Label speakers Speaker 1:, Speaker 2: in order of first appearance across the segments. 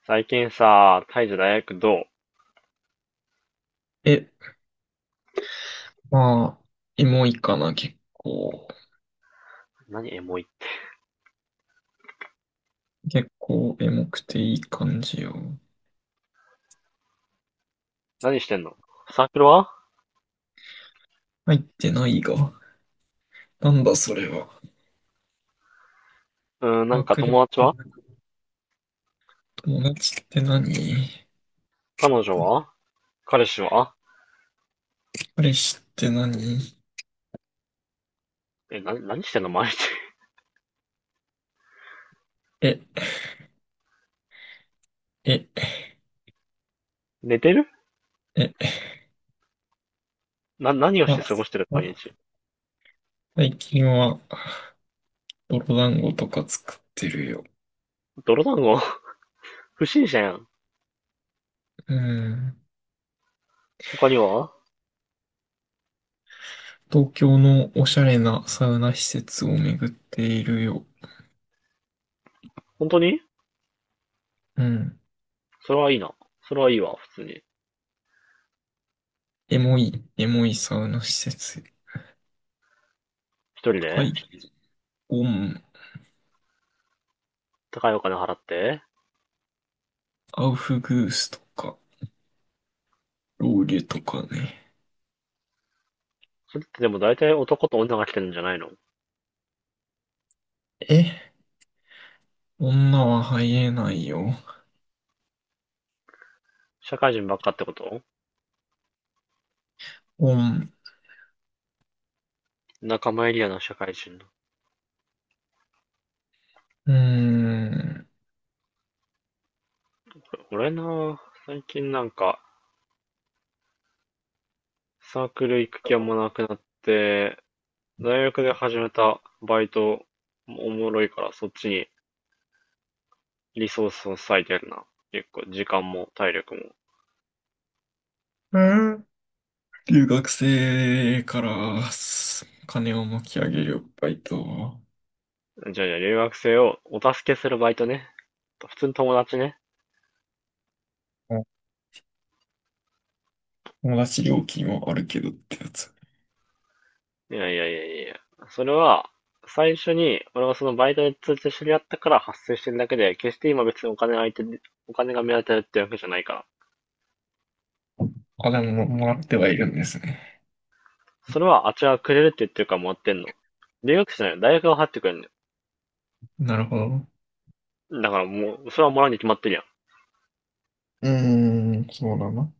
Speaker 1: 最近さ、タイじゃ大学どう？
Speaker 2: え、まあ、エモいかな、結構。
Speaker 1: 何エモい？
Speaker 2: 結構エモくていい感じよ。
Speaker 1: 何してんの？サークルは？
Speaker 2: 入ってないが。なんだそれは。ワークレっ
Speaker 1: 友達
Speaker 2: て
Speaker 1: は？
Speaker 2: 何？友達って何？
Speaker 1: 彼女は？彼氏は？
Speaker 2: 彼氏って何？
Speaker 1: え、な、何してんの毎日。
Speaker 2: え、え、
Speaker 1: 寝てる？
Speaker 2: え、
Speaker 1: な、何をして
Speaker 2: あ、
Speaker 1: 過ごしてる毎
Speaker 2: あ、
Speaker 1: 日。
Speaker 2: 最近は泥団子とか作ってるよ。
Speaker 1: 泥団子？ 不審者やん。
Speaker 2: うん。
Speaker 1: 他には？
Speaker 2: 東京のおしゃれなサウナ施設を巡っているよ。
Speaker 1: 本当に？
Speaker 2: うん。
Speaker 1: それはいいな。それはいいわ、普通に。
Speaker 2: エモい、エモいサウナ施設。
Speaker 1: 一人
Speaker 2: 高
Speaker 1: で？
Speaker 2: い。オン
Speaker 1: 高いお金払って？
Speaker 2: アウフグースとか、ロウリュとかね。
Speaker 1: それってでも大体男と女が来てるんじゃないの？
Speaker 2: え、女は入れないよ。
Speaker 1: 社会人ばっかってこと？
Speaker 2: 本。
Speaker 1: 仲間エリアの社会人。
Speaker 2: うーん。
Speaker 1: 俺な、最近サークル行く気はもうなくなって、大学で始めたバイトもおもろいからそっちにリソースを割いてるな。結構時間も体力も。
Speaker 2: うん、留学生からす金を巻き上げるバイト。
Speaker 1: じゃあじゃあ留学生をお助けするバイトね。普通に友達ね。
Speaker 2: うん、友達料金はあるけどってやつ。
Speaker 1: いやいやいやいや。それは最初に俺はそのバイトで通知知り合ったから発生してるだけで、決して今別にお金相手にお金が目当てるってわけじゃないから。
Speaker 2: あ、でも、もらってはいるんですね。
Speaker 1: それはあっちがくれるって言ってるからもらってんの。留学生じゃないよ。大学が払ってくれるんだ
Speaker 2: なるほど。
Speaker 1: よ。だからもう、それはもらうに決まってるやん。
Speaker 2: うーん、そうだな。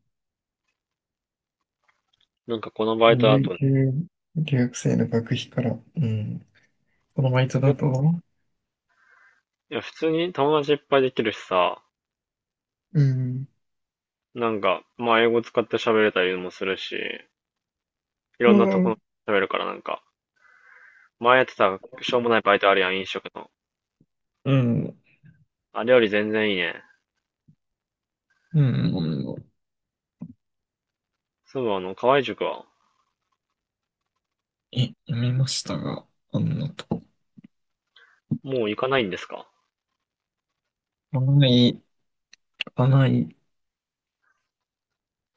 Speaker 1: なんかこのバ
Speaker 2: 留、
Speaker 1: イトだとね、
Speaker 2: 留留学生の学費から、うん。このバイト
Speaker 1: え
Speaker 2: だと、
Speaker 1: いや、普通に友達いっぱいできるしさ、
Speaker 2: うん。
Speaker 1: まあ英語使って喋れたりもするし、いろ
Speaker 2: う
Speaker 1: んなとこ
Speaker 2: ん。
Speaker 1: 喋るから前やってたしょうもないバイトあるやん、飲食の。
Speaker 2: うん。
Speaker 1: あれより全然いいね。
Speaker 2: うん。
Speaker 1: そういえば河合塾は、
Speaker 2: え、読みましたが、あんなと。
Speaker 1: もう行かないんですか？
Speaker 2: かない、かない、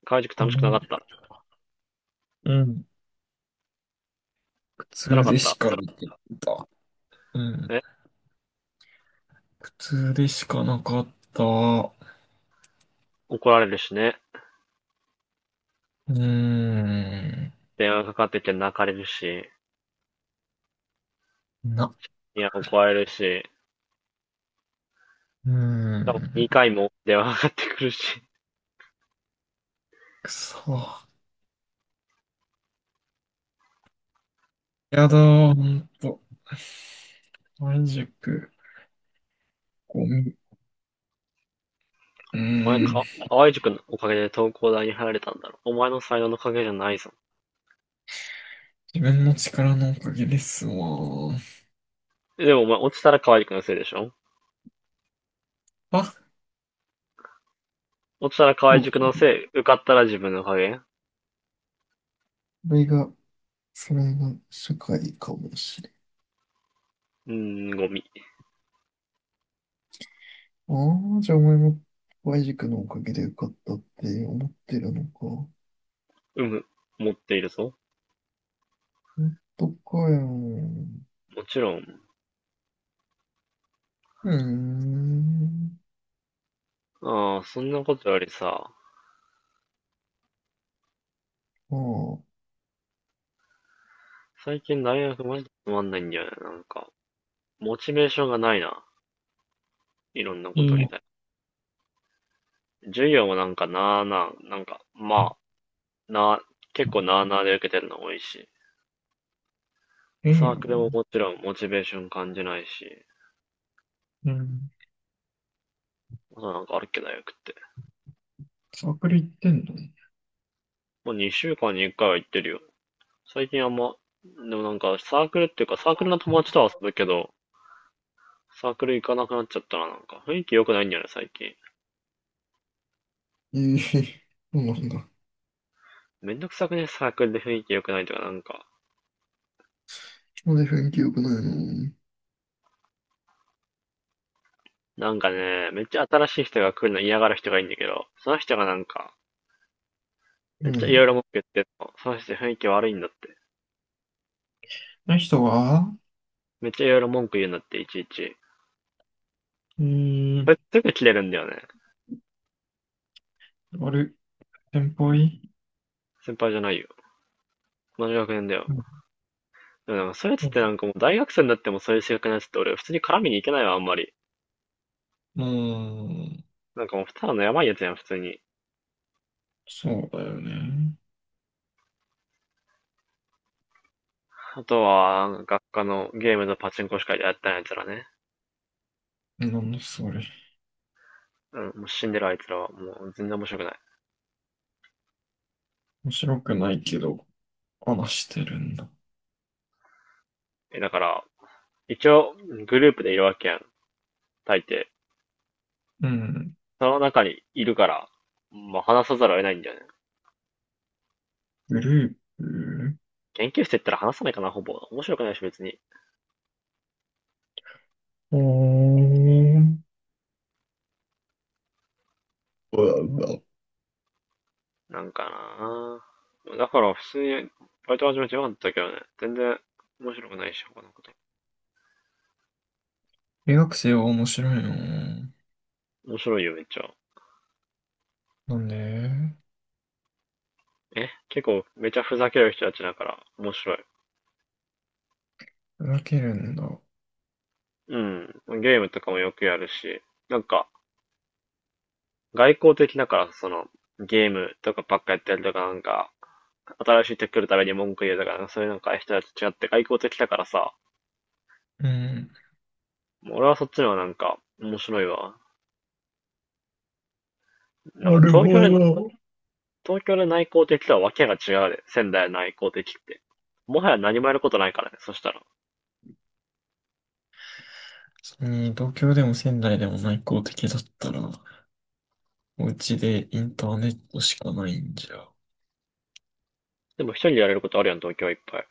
Speaker 1: 河合塾
Speaker 2: か
Speaker 1: 楽し
Speaker 2: な
Speaker 1: くなか
Speaker 2: い。
Speaker 1: った？
Speaker 2: うん。苦痛
Speaker 1: 辛か
Speaker 2: で
Speaker 1: った？
Speaker 2: しかなかった。うん。
Speaker 1: え？
Speaker 2: 苦痛でしかなかった。う
Speaker 1: 怒られるしね。
Speaker 2: ーん。
Speaker 1: 電話かかってきて泣かれるし、
Speaker 2: な、
Speaker 1: いや、怒られるし、
Speaker 2: うー
Speaker 1: 多分2
Speaker 2: ん。
Speaker 1: 回も 電話かかってくるし、
Speaker 2: くそ。やだー、ほんと。半熟、ゴミ。う
Speaker 1: お前
Speaker 2: ー
Speaker 1: か、
Speaker 2: ん。
Speaker 1: 河合塾のおかげで東工大に入られたんだろ。お前の才能のおかげじゃないぞ。
Speaker 2: 自分の力のおかげですわー。
Speaker 1: でもお前、落ちたら河合くんのせいでしょ？
Speaker 2: あ、
Speaker 1: 落ちたら河
Speaker 2: そ
Speaker 1: 合
Speaker 2: うか。
Speaker 1: 塾のせい、受かったら自分の影？う
Speaker 2: これが、それが社会かもしれない。
Speaker 1: ーん、ゴミ。
Speaker 2: ああ、じゃあお前も Y 軸のおかげで受かったって思ってるのか。
Speaker 1: うむ、持っているぞ。
Speaker 2: 本当かよ。
Speaker 1: もちろん。
Speaker 2: うーん。
Speaker 1: ああ、そんなことよりさ、
Speaker 2: まあ、
Speaker 1: 最近大学マジでつまんないんだよね、なんか。モチベーションがないな、いろんなこと
Speaker 2: い
Speaker 1: に
Speaker 2: い
Speaker 1: 対して。授業もなあなあ、あ、なあ、結構なあなあで受けてるの多いし。
Speaker 2: 変
Speaker 1: サ
Speaker 2: や
Speaker 1: ークル
Speaker 2: わ。
Speaker 1: ももちろんモチベーション感じないし。
Speaker 2: うん。
Speaker 1: あとなんかあるっけ、大学って。
Speaker 2: サークル行ってんの？
Speaker 1: もう2週間に1回は行ってるよ。最近あんま、でもなんかサークルっていうかサークルの友達とは遊ぶけど、サークル行かなくなっちゃったな、なんか。雰囲気良くないんだよね、最近。
Speaker 2: ええ、そうなんだ。
Speaker 1: めんどくさくね、サークルで雰囲気良くないとか、なんか。
Speaker 2: なんで雰囲気良くないの？
Speaker 1: なんかね、めっちゃ新しい人が来るの嫌がる人がいいんだけど、その人がなんか、
Speaker 2: う
Speaker 1: めっちゃいろい
Speaker 2: ん。
Speaker 1: ろ文句言ってんの。その人雰囲気悪いんだって。
Speaker 2: あの人は。
Speaker 1: めっちゃいろいろ文句言うんだって、いちいち。
Speaker 2: うー
Speaker 1: そ
Speaker 2: ん、
Speaker 1: れすぐ切れるんだよね。
Speaker 2: あれ、先輩？
Speaker 1: 先輩じゃないよ。同じ学年だよ。
Speaker 2: う
Speaker 1: でもなんかそういうやつってな
Speaker 2: ん
Speaker 1: んかもう大学生になってもそういう性格のやつって俺普通に絡みに行けないわ、あんまり。
Speaker 2: うん、
Speaker 1: なんかもうただのやばいやつやん、普通に。
Speaker 2: そうだよね。
Speaker 1: あとは、学科のゲームのパチンコしかやったんやつらね。
Speaker 2: なんだそれ。
Speaker 1: うん、もう死んでるあいつらは、もう全然面白くない。
Speaker 2: 面白くないけど、話してるんだ。
Speaker 1: え、だから、一応、グループでいるわけやん、大抵。
Speaker 2: うん。
Speaker 1: その中にいるから、まあ話さざるを得ないんだよね。
Speaker 2: グループ。
Speaker 1: 研究室行ったら話さないかな、ほぼ。面白くないし、別に。
Speaker 2: おー。うんうん。
Speaker 1: なんかなぁ。だから、普通に、バイト始めてよかったけどね。全然、面白くないし、他のこと。
Speaker 2: 留学生は面白いの？
Speaker 1: 面白いよ、めっちゃ。
Speaker 2: なんで？
Speaker 1: え結構、めちゃふざける人たちだから、面白い。
Speaker 2: 分けるんだ。
Speaker 1: うん。ゲームとかもよくやるし、なんか、外交的だから、その、ゲームとかばっかやってるとかなんか、新しい人来るために文句言うとか、なんかそういうなんか人たちと違って外交的だからさ、
Speaker 2: うん。
Speaker 1: 俺はそっちの方がなんか面白いわ。なん
Speaker 2: な
Speaker 1: か
Speaker 2: る
Speaker 1: 東
Speaker 2: ほ
Speaker 1: 京で、
Speaker 2: ど。
Speaker 1: 東京で内向的とはわけが違うで、仙台の内向的って。もはや何もやることないからね、そしたら。
Speaker 2: 東京でも仙台でも内向的だったら、お家でインターネットしかないんじゃ。
Speaker 1: でも一人でやれることあるやん、東京はいっぱい。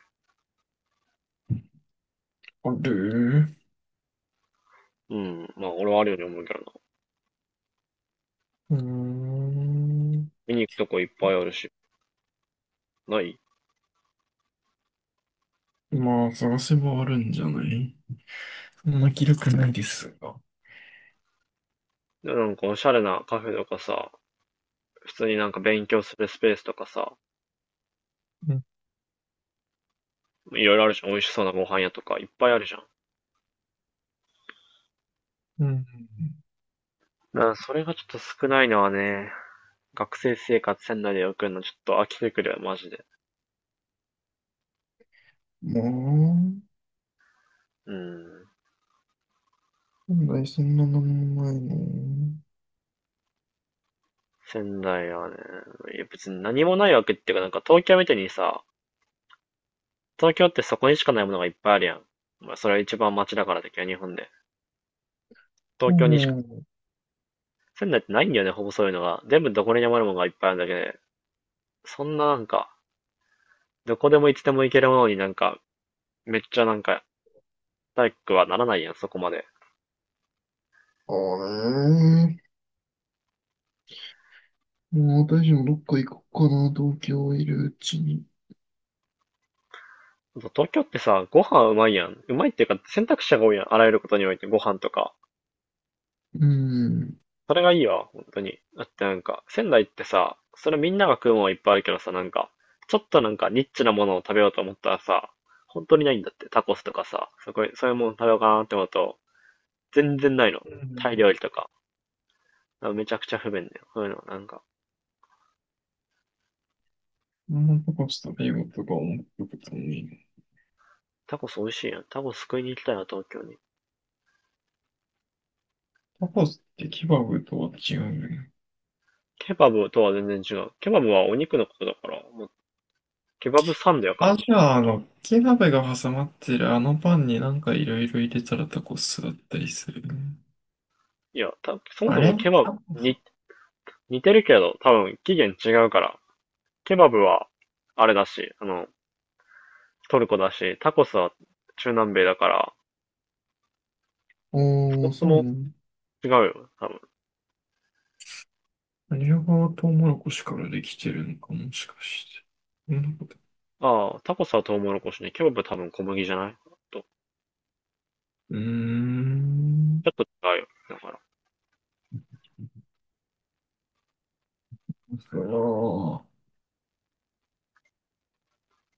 Speaker 2: ある？
Speaker 1: うん、まあ俺はあるように思うけどな。
Speaker 2: うーん。
Speaker 1: 見に行くとこいっぱいあるし、ない？
Speaker 2: まあ、探せばあるんじゃない？そんな気力ないですが。
Speaker 1: なんかおしゃれなカフェとかさ、普通になんか勉強するスペースとかさ、
Speaker 2: うん。
Speaker 1: いろいろあるじゃん。美味しそうなご飯屋とか、いっぱいあるじゃん。
Speaker 2: うん、
Speaker 1: だからそれがちょっと少ないのはね、学生生活仙台で送るのちょっと飽きてくるよ、マジで。
Speaker 2: まあ、
Speaker 1: うん。
Speaker 2: 本来そんななんもないの？
Speaker 1: 仙台はね、いや別に何もないわけっていうか、なんか東京みたいにさ、東京ってそこにしかないものがいっぱいあるやん。まあそれは一番街だからだけど、日本で。
Speaker 2: う
Speaker 1: 東京にしか、
Speaker 2: ん。
Speaker 1: 仙台ってないんだよね、ほぼそういうのが。全部どこにでもあるものがいっぱいあるんだけど、ねそんなどこでもいつでも行けるものになんか、めっちゃなんか、体育はならないやん、そこまで。
Speaker 2: あれ。もう私もどっか行こうかな、東京いるうちに。
Speaker 1: そう東京ってさ、ご飯うまいやん。うまいっていうか、選択肢が多いやん。あらゆることにおいて、ご飯とか。
Speaker 2: うん。
Speaker 1: それがいいわ、本当に。だってなんか、仙台ってさ、それみんなが食うものはいっぱいあるけどさ、なんか、ちょっとなんかニッチなものを食べようと思ったらさ、本当にないんだって。タコスとかさ、そこ、そういうもの食べようかなって思うと、全然ないの。
Speaker 2: う
Speaker 1: タイ
Speaker 2: ん。
Speaker 1: 料理とか。だからめちゃくちゃ不便だよ。そういうの、なんか。
Speaker 2: あんまタコス食べようとか思ってたのに。
Speaker 1: タコス美味しいやん。タコス食いに行きたいな、東京に。
Speaker 2: タコスってケバブとは違うよね。
Speaker 1: ケバブとは全然違う。ケバブはお肉のことだから、もう、ケバブサンドやから
Speaker 2: あ、
Speaker 1: な。
Speaker 2: じゃあ、ケバブが挟まってるあのパンになんかいろいろ入れたらタコスだったりするよね。
Speaker 1: いや、た、そも
Speaker 2: あ
Speaker 1: そも
Speaker 2: れ、
Speaker 1: ケバ
Speaker 2: タコ
Speaker 1: ブ、
Speaker 2: ス。
Speaker 1: に、似てるけど、多分起源違うから。ケバブは、あれだし、あの、トルコだし、タコスは中南米だから、
Speaker 2: あ
Speaker 1: そも
Speaker 2: あ、
Speaker 1: そ
Speaker 2: そうな
Speaker 1: も
Speaker 2: の。
Speaker 1: 違うよ、多分。
Speaker 2: あれはトウモロコシからできてるのかもしかして。そんなこと。
Speaker 1: ああ、タコスはトウモロコシね。ケバブは多分小麦じゃないと、ち
Speaker 2: うー
Speaker 1: ょ
Speaker 2: ん。
Speaker 1: っと違うよ。だから。
Speaker 2: そう